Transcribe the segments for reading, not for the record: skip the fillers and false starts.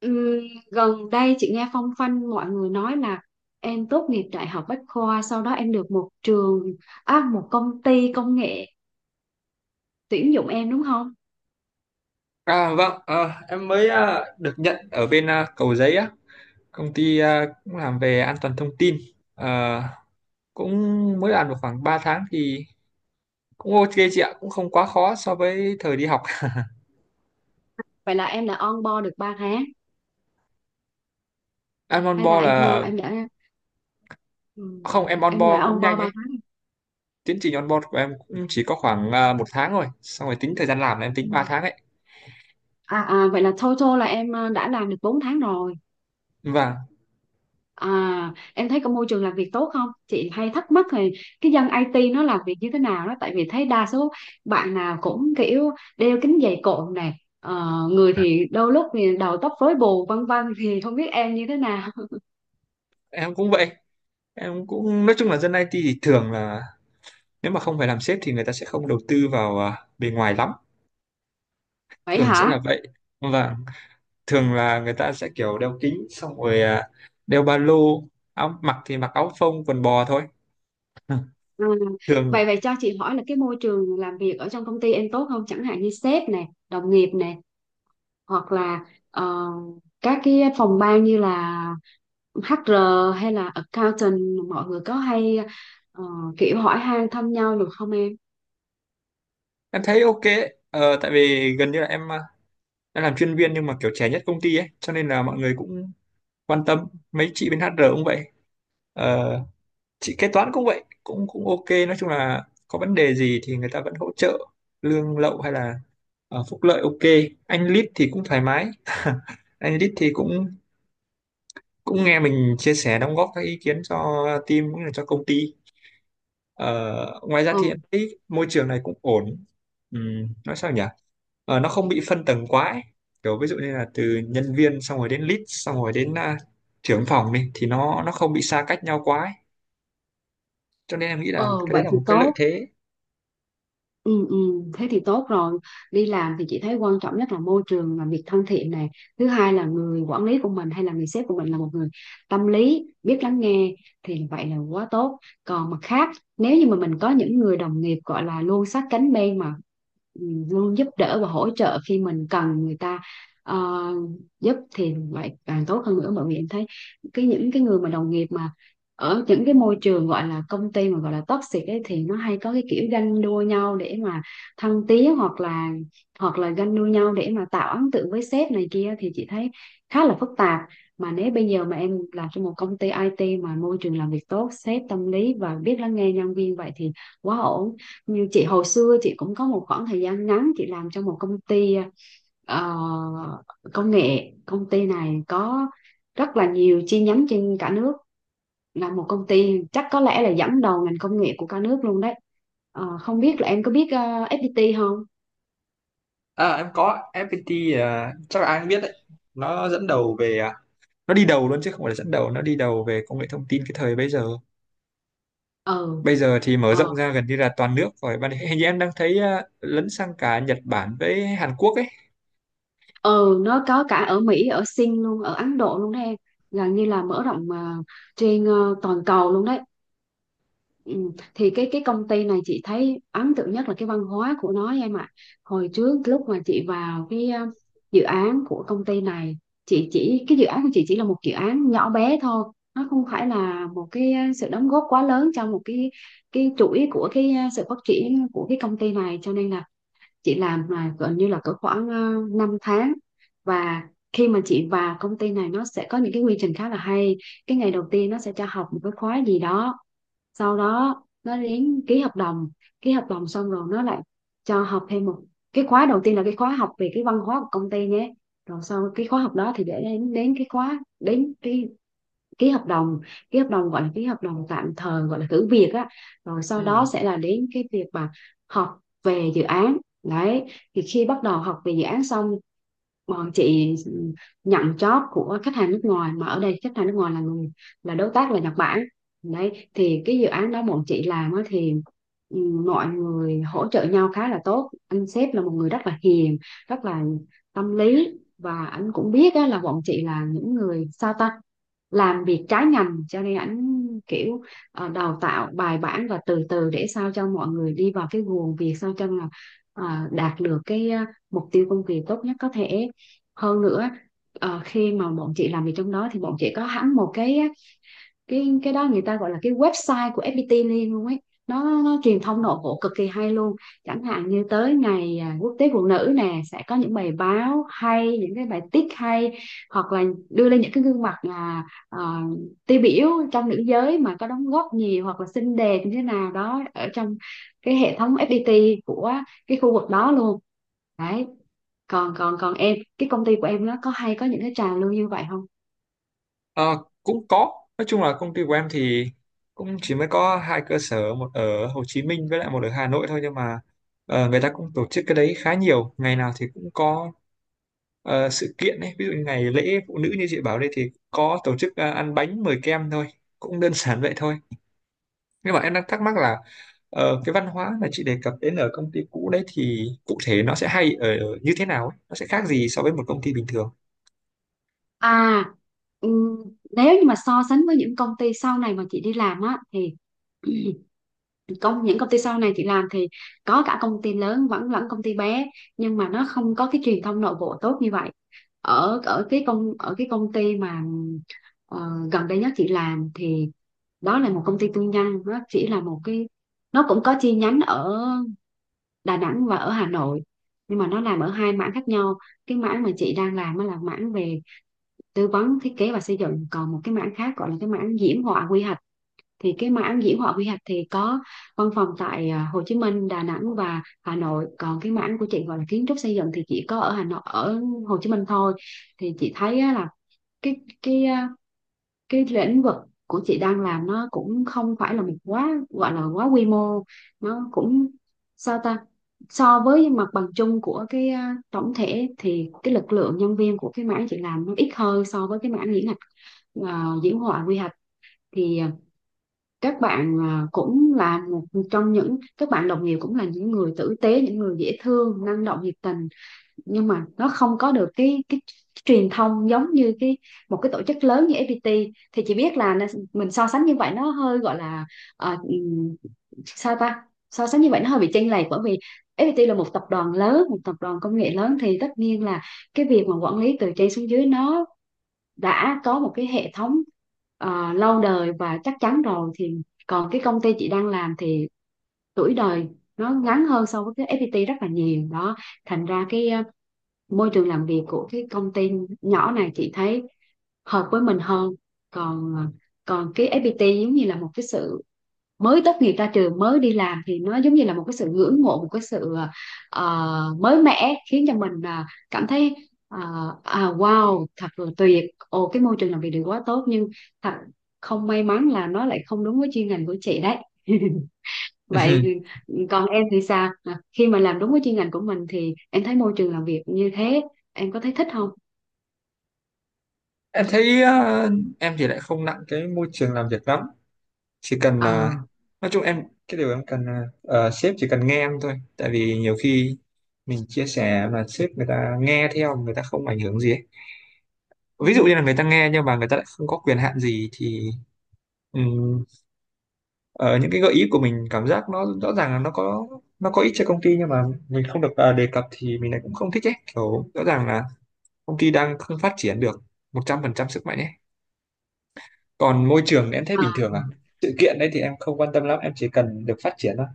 Ừm, Gần đây chị nghe phong phanh mọi người nói là em tốt nghiệp Đại học Bách khoa, sau đó em được một trường, một công ty công nghệ tuyển dụng em đúng không? À vâng, em mới được nhận ở bên Cầu Giấy á, công ty cũng làm về an toàn thông tin. Ờ, Cũng mới làm được khoảng 3 tháng thì cũng ok chị ạ, cũng không quá khó so với thời đi học. Vậy là em đã on board được 3 tháng Em on hay là board là không, ừm, em on em đã board cũng on board nhanh 3 ấy. tháng. Tiến trình on board của em cũng chỉ có khoảng một tháng rồi, xong rồi tính thời gian làm là em tính Ừm. 3 tháng ấy. À, à vậy là total là đã làm được 4 tháng rồi. Và À, em thấy có môi trường làm việc tốt không? Chị hay thắc mắc thì cái dân IT nó làm việc như thế nào đó, tại vì thấy đa số bạn nào cũng kiểu đeo kính dày cộm này, người thì đôi lúc thì đầu tóc rối bù vân vân, thì không biết em như thế nào. em cũng vậy, em cũng nói chung là dân IT thì thường là nếu mà không phải làm sếp thì người ta sẽ không đầu tư vào bề ngoài lắm, Vậy thường sẽ là hả? vậy. Vâng, thường là người ta sẽ kiểu đeo kính xong rồi, đeo ba lô, áo mặc thì mặc áo phông quần bò thôi. Ừ. Ừ. Thường Vậy vậy cho chị hỏi là cái môi trường làm việc ở trong công ty em tốt không? Chẳng hạn như sếp này, đồng nghiệp này, hoặc là ờ, các cái phòng ban như là HR hay là accountant, mọi người có hay ờ, kiểu hỏi han thăm nhau được không em? em thấy ok ấy. Ờ, Tại vì gần như là em làm chuyên viên nhưng mà kiểu trẻ nhất công ty ấy cho nên là mọi người cũng quan tâm, mấy chị bên HR cũng vậy. Ờ, chị kế toán cũng vậy, cũng cũng ok, nói chung là có vấn đề gì thì người ta vẫn hỗ trợ lương lậu hay là phúc lợi ok. Anh lead thì cũng thoải mái anh lead thì cũng cũng nghe mình chia sẻ đóng góp các ý kiến cho team cũng như là cho công ty. Ngoài ra thì em Ừ. thấy môi trường này cũng ổn. Nói sao nhỉ. Nó không bị phân tầng quá ấy, kiểu ví dụ như là từ nhân viên xong rồi đến lead xong rồi đến trưởng phòng đi thì nó không bị xa cách nhau quá ấy, cho nên em nghĩ là Ờ, cái đấy vậy là thì một cái lợi tốt. thế. Ừ, ừ, thế thì tốt rồi. Đi làm thì chị thấy quan trọng nhất là môi trường làm việc thân thiện này, thứ hai là người quản lý của mình hay là người sếp của mình là một người tâm lý, biết lắng nghe, thì vậy là quá tốt. Còn mặt khác, nếu như mà mình có những người đồng nghiệp gọi là luôn sát cánh bên mà ừ, luôn giúp đỡ và hỗ trợ khi mình cần người ta ờ, giúp thì vậy càng tốt hơn nữa, bởi vì em thấy cái những cái người mà đồng nghiệp mà ở những cái môi trường gọi là công ty mà gọi là toxic ấy thì nó hay có cái kiểu ganh đua nhau để mà thăng tiến, hoặc là ganh đua nhau để mà tạo ấn tượng với sếp này kia, thì chị thấy khá là phức tạp. Mà nếu bây giờ mà em làm trong một công ty IT mà môi trường làm việc tốt, sếp tâm lý và biết lắng nghe nhân viên, vậy thì quá ổn. Như chị hồi xưa, chị cũng có một khoảng thời gian ngắn chị làm trong một công ty ờ, công nghệ. Công ty này có rất là nhiều chi nhánh trên cả nước, là một công ty chắc có lẽ là dẫn đầu ngành công nghệ của cả nước luôn đấy. Ờ, không biết là em có biết FPT không. Em có FPT, chắc là ai cũng biết đấy, nó dẫn đầu về, nó đi đầu luôn chứ không phải là dẫn đầu, nó đi đầu về công nghệ thông tin cái thời bây giờ. Ừ. Bây giờ thì mở Ờ. rộng ra gần như là toàn nước rồi, bạn hình như em đang thấy lấn sang cả Nhật Bản với Hàn Quốc ấy. Ừ, nó có cả ở Mỹ, ở Sing luôn, ở Ấn Độ luôn đấy em, gần như là mở rộng trên toàn cầu luôn đấy. Ừ. Thì cái công ty này chị thấy ấn tượng nhất là cái văn hóa của nó em ạ. Hồi trước lúc mà chị vào cái dự án của công ty này, chị chỉ, cái dự án của chị chỉ là một dự án nhỏ bé thôi, nó không phải là một cái sự đóng góp quá lớn trong một cái chuỗi của cái sự phát triển của cái công ty này, cho nên là chị làm là gần như là cỡ khoảng 5 tháng. Và khi mà chị vào công ty này, nó sẽ có những cái quy trình khá là hay. Cái ngày đầu tiên nó sẽ cho học một cái khóa gì đó, sau đó nó đến ký hợp đồng. Ký hợp đồng xong rồi nó lại cho học thêm một cái khóa, đầu tiên là cái khóa học về cái văn hóa của công ty nhé. Rồi sau cái khóa học đó thì để đến đến cái khóa, đến cái ký hợp đồng, ký hợp đồng gọi là ký hợp đồng tạm thời gọi là thử việc á. Rồi sau Ừ. đó sẽ là đến cái việc mà học về dự án. Đấy, thì khi bắt đầu học về dự án xong, bọn chị nhận job của khách hàng nước ngoài, mà ở đây khách hàng nước ngoài là người, là đối tác, là Nhật Bản. Đấy, thì cái dự án đó bọn chị làm á, thì ừ, mọi người hỗ trợ nhau khá là tốt, anh sếp là một người rất là hiền, rất là tâm lý, và anh cũng biết á, là bọn chị là những người, sao ta, làm việc trái ngành, cho nên ảnh kiểu đào tạo bài bản và từ từ để sao cho mọi người đi vào cái guồng việc, sao cho là ờ, đạt được cái mục tiêu công việc tốt nhất có thể. Hơn nữa, khi mà bọn chị làm việc trong đó thì bọn chị có hẳn một cái đó, người ta gọi là cái website của FPT Liên luôn ấy, nó truyền thông nội bộ cực kỳ hay luôn. Chẳng hạn như tới ngày quốc tế phụ nữ nè, sẽ có những bài báo hay, những cái bài tiết hay, hoặc là đưa lên những cái gương mặt à, tiêu biểu trong nữ giới mà có đóng góp nhiều, hoặc là xinh đẹp như thế nào đó ở trong cái hệ thống FPT của cái khu vực đó luôn. Đấy, còn còn còn em, cái công ty của em nó có hay có những cái trào lưu như vậy không? Ờ, Cũng có, nói chung là công ty của em thì cũng chỉ mới có hai cơ sở, một ở Hồ Chí Minh với lại một ở Hà Nội thôi, nhưng mà người ta cũng tổ chức cái đấy khá nhiều, ngày nào thì cũng có sự kiện ấy, ví dụ như ngày lễ phụ nữ như chị bảo đây thì có tổ chức ăn bánh mời kem thôi, cũng đơn giản vậy thôi. Nhưng mà em đang thắc mắc là cái văn hóa mà chị đề cập đến ở công ty cũ đấy thì cụ thể nó sẽ hay ở như thế nào ấy? Nó sẽ khác gì so với một công ty bình thường? À, ừm, nếu như mà so sánh với những công ty sau này mà chị đi làm á thì công, những công ty sau này chị làm thì có cả công ty lớn vẫn lẫn công ty bé, nhưng mà nó không có cái truyền thông nội bộ tốt như vậy. Ở ở cái công ty mà ờ, gần đây nhất chị làm thì đó là một công ty tư nhân, nó chỉ là một cái, nó cũng có chi nhánh ở Đà Nẵng và ở Hà Nội, nhưng mà nó làm ở hai mảng khác nhau. Cái mảng mà chị đang làm á là mảng về tư vấn thiết kế và xây dựng, còn một cái mảng khác gọi là cái mảng diễm họa quy hoạch. Thì cái mảng diễm họa quy hoạch thì có văn phòng tại Hồ Chí Minh, Đà Nẵng và Hà Nội, còn cái mảng của chị gọi là kiến trúc xây dựng thì chỉ có ở Hà Nội, ở Hồ Chí Minh thôi. Thì chị thấy á, là cái cái à, cái lĩnh vực của chị đang làm nó cũng không phải là một, quá gọi là quá quy mô, nó cũng, sao ta, so với mặt bằng chung của cái tổng thể thì cái lực lượng nhân viên của cái mảng chị làm nó ít hơn so với cái mảng diễn, ờ, diễn họa quy hoạch. Thì các bạn cũng là một trong những các bạn đồng nghiệp, cũng là những người tử tế, những người dễ thương, năng động, nhiệt tình, nhưng mà nó không có được cái truyền thông giống như cái một cái tổ chức lớn như FPT. Thì chị biết là mình so sánh như vậy nó hơi gọi là, ờ, sao ta, so sánh như vậy nó hơi bị chênh lệch, bởi vì FPT là một tập đoàn lớn, một tập đoàn công nghệ lớn, thì tất nhiên là cái việc mà quản lý từ trên xuống dưới nó đã có một cái hệ thống lâu đời và chắc chắn rồi. Thì còn cái công ty chị đang làm thì tuổi đời nó ngắn hơn so với cái FPT rất là nhiều đó, thành ra cái môi trường làm việc của cái công ty nhỏ này chị thấy hợp với mình hơn. Còn ờ, còn cái FPT, giống như là một cái sự mới tốt nghiệp ra trường mới đi làm thì nó giống như là một cái sự ngưỡng mộ, một cái sự mới mẻ, khiến cho mình cảm thấy ờ, à wow, thật là tuyệt, ồ cái môi trường làm việc được quá tốt, nhưng thật không may mắn là nó lại không đúng với chuyên ngành của chị đấy. Ừm. Vậy còn em thì sao? À, khi mà làm đúng với chuyên ngành của mình thì em thấy môi trường làm việc như thế, em có thấy thích không? em thấy ờ, em thì lại không nặng cái môi trường làm việc lắm, chỉ cần Ờ. nói chung em cái điều em cần là sếp chỉ cần nghe em thôi, tại vì nhiều khi mình chia sẻ mà sếp người ta nghe theo người ta không ảnh hưởng gì ấy, Ừ. ví dụ như là người ta nghe nhưng mà người ta lại không có quyền hạn gì thì. Ờ, những cái gợi ý của mình cảm giác nó rõ ràng là nó có ích cho công ty nhưng mà mình không được đề cập thì mình lại cũng không thích ấy, kiểu rõ ràng là công ty đang không phát triển được 100% sức mạnh ấy. Còn môi trường thì em thấy bình À. thường à, sự kiện đấy thì em không quan tâm lắm, em chỉ cần được phát triển thôi,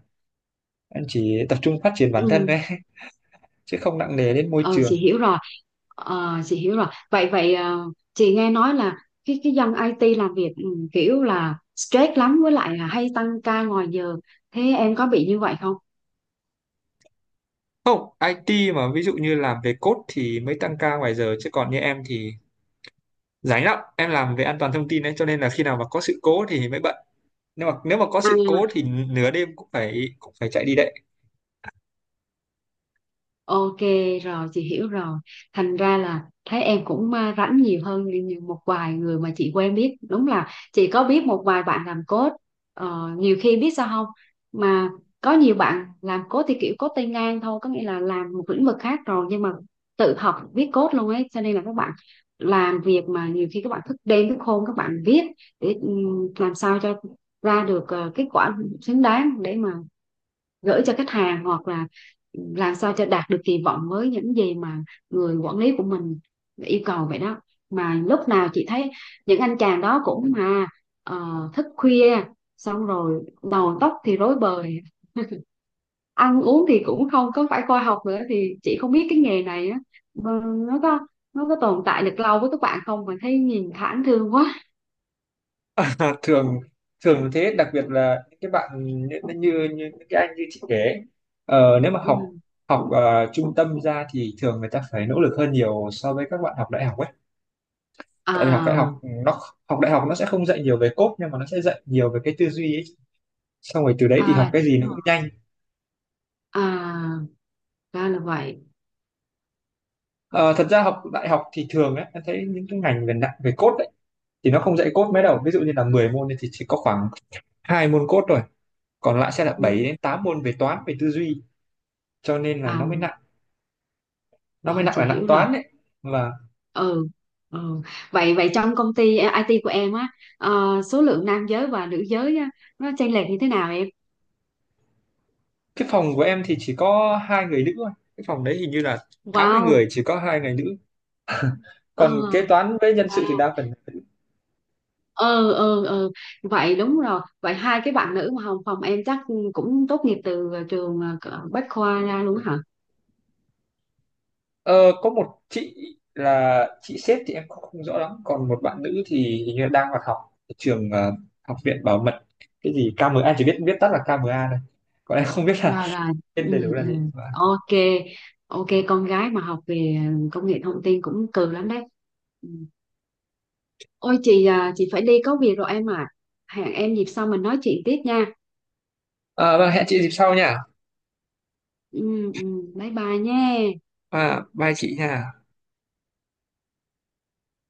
em chỉ tập trung phát triển bản thân Ừ. đấy chứ không nặng nề đến môi Ờ, chị trường. hiểu rồi. Ờ, chị hiểu rồi. Vậy vậy chị nghe nói là cái dân IT làm việc kiểu là stress lắm, với lại là hay tăng ca ngoài giờ. Thế em có bị như vậy không? Không, IT mà ví dụ như làm về code thì mới tăng ca ngoài giờ chứ còn như em thì rảnh lắm, em làm về an toàn thông tin đấy cho nên là khi nào mà có sự cố thì mới bận, nhưng mà nếu mà có À. sự cố thì nửa đêm cũng phải chạy đi đấy. Ok, rồi chị hiểu rồi, thành ra là thấy em cũng rảnh nhiều hơn như một vài người mà chị quen biết. Đúng là chị có biết một vài bạn làm code. Ờ, nhiều khi biết sao không mà có nhiều bạn làm code thì kiểu code tay ngang thôi, có nghĩa là làm một lĩnh vực khác rồi nhưng mà tự học viết code luôn ấy, cho nên là các bạn làm việc mà nhiều khi các bạn thức đêm thức hôm, các bạn viết để làm sao cho ra được kết quả xứng đáng để mà gửi cho khách hàng, hoặc là làm sao cho đạt được kỳ vọng với những gì mà người quản lý của mình yêu cầu vậy đó. Mà lúc nào chị thấy những anh chàng đó cũng mà thức khuya, xong rồi đầu tóc thì rối bời, ăn uống thì cũng không có phải khoa học nữa, thì chị không biết cái nghề này á, nó có nó có tồn tại được lâu với các bạn không, mà thấy nhìn thảm thương quá. À, thường thường thế, đặc biệt là những cái bạn như như, như những cái anh như chị kể ấy, nếu mà Ừ. học học ờ, trung tâm ra thì thường người ta phải nỗ lực hơn nhiều so với các bạn học đại học ấy, tại vì À. Học đại học nó sẽ không dạy nhiều về code nhưng mà nó sẽ dạy nhiều về cái tư duy ấy, xong rồi từ đấy thì học À, cái chị gì hiểu nó cũng rồi. nhanh. À, ra là vậy. Ờ, Thật ra học đại học thì thường ấy, em thấy những cái ngành về nặng về code ấy thì nó không dạy code mấy đâu, ví dụ như là 10 môn thì chỉ có khoảng hai môn code thôi, còn lại sẽ là Ừ. 7 đến 8 môn về toán về tư duy, cho nên là À, nó mới nặng, nó mới rồi nặng chị là nặng hiểu rồi. toán đấy. Và Ừ, ừ, vậy vậy trong công ty IT của em á, số lượng nam giới và nữ giới á, nó chênh lệch như thế nào em? cái phòng của em thì chỉ có hai người nữ thôi, cái phòng đấy hình như là tám mươi Wow. người chỉ có hai người nữ, Ờ. còn kế toán với nhân sự thì Wow. đa phần là nữ. Ừ, ừ, ừ, vậy đúng rồi, vậy hai cái bạn nữ mà hồng phòng em chắc cũng tốt nghiệp từ trường cỡ Bách Khoa ra luôn hả? Ờ, có một chị là chị sếp thì em không rõ lắm, còn một bạn nữ thì hình như là đang hoạt học ở trường, học viện bảo mật cái gì KMA, anh chỉ biết biết tắt là KMA thôi, còn em không biết là Rồi, rồi. Ừ, tên đầy đủ là ừ. gì. Và Ok. Ok, con gái mà học về công nghệ thông tin cũng cừ lắm đấy. Ừ. Ôi chị, à, chị phải đi có việc rồi em à, hẹn em dịp sau mình nói chuyện tiếp nha. ờ, vâng, hẹn chị dịp sau nha. Ừ, ừ. Bye bye nha. À, bye chị nha.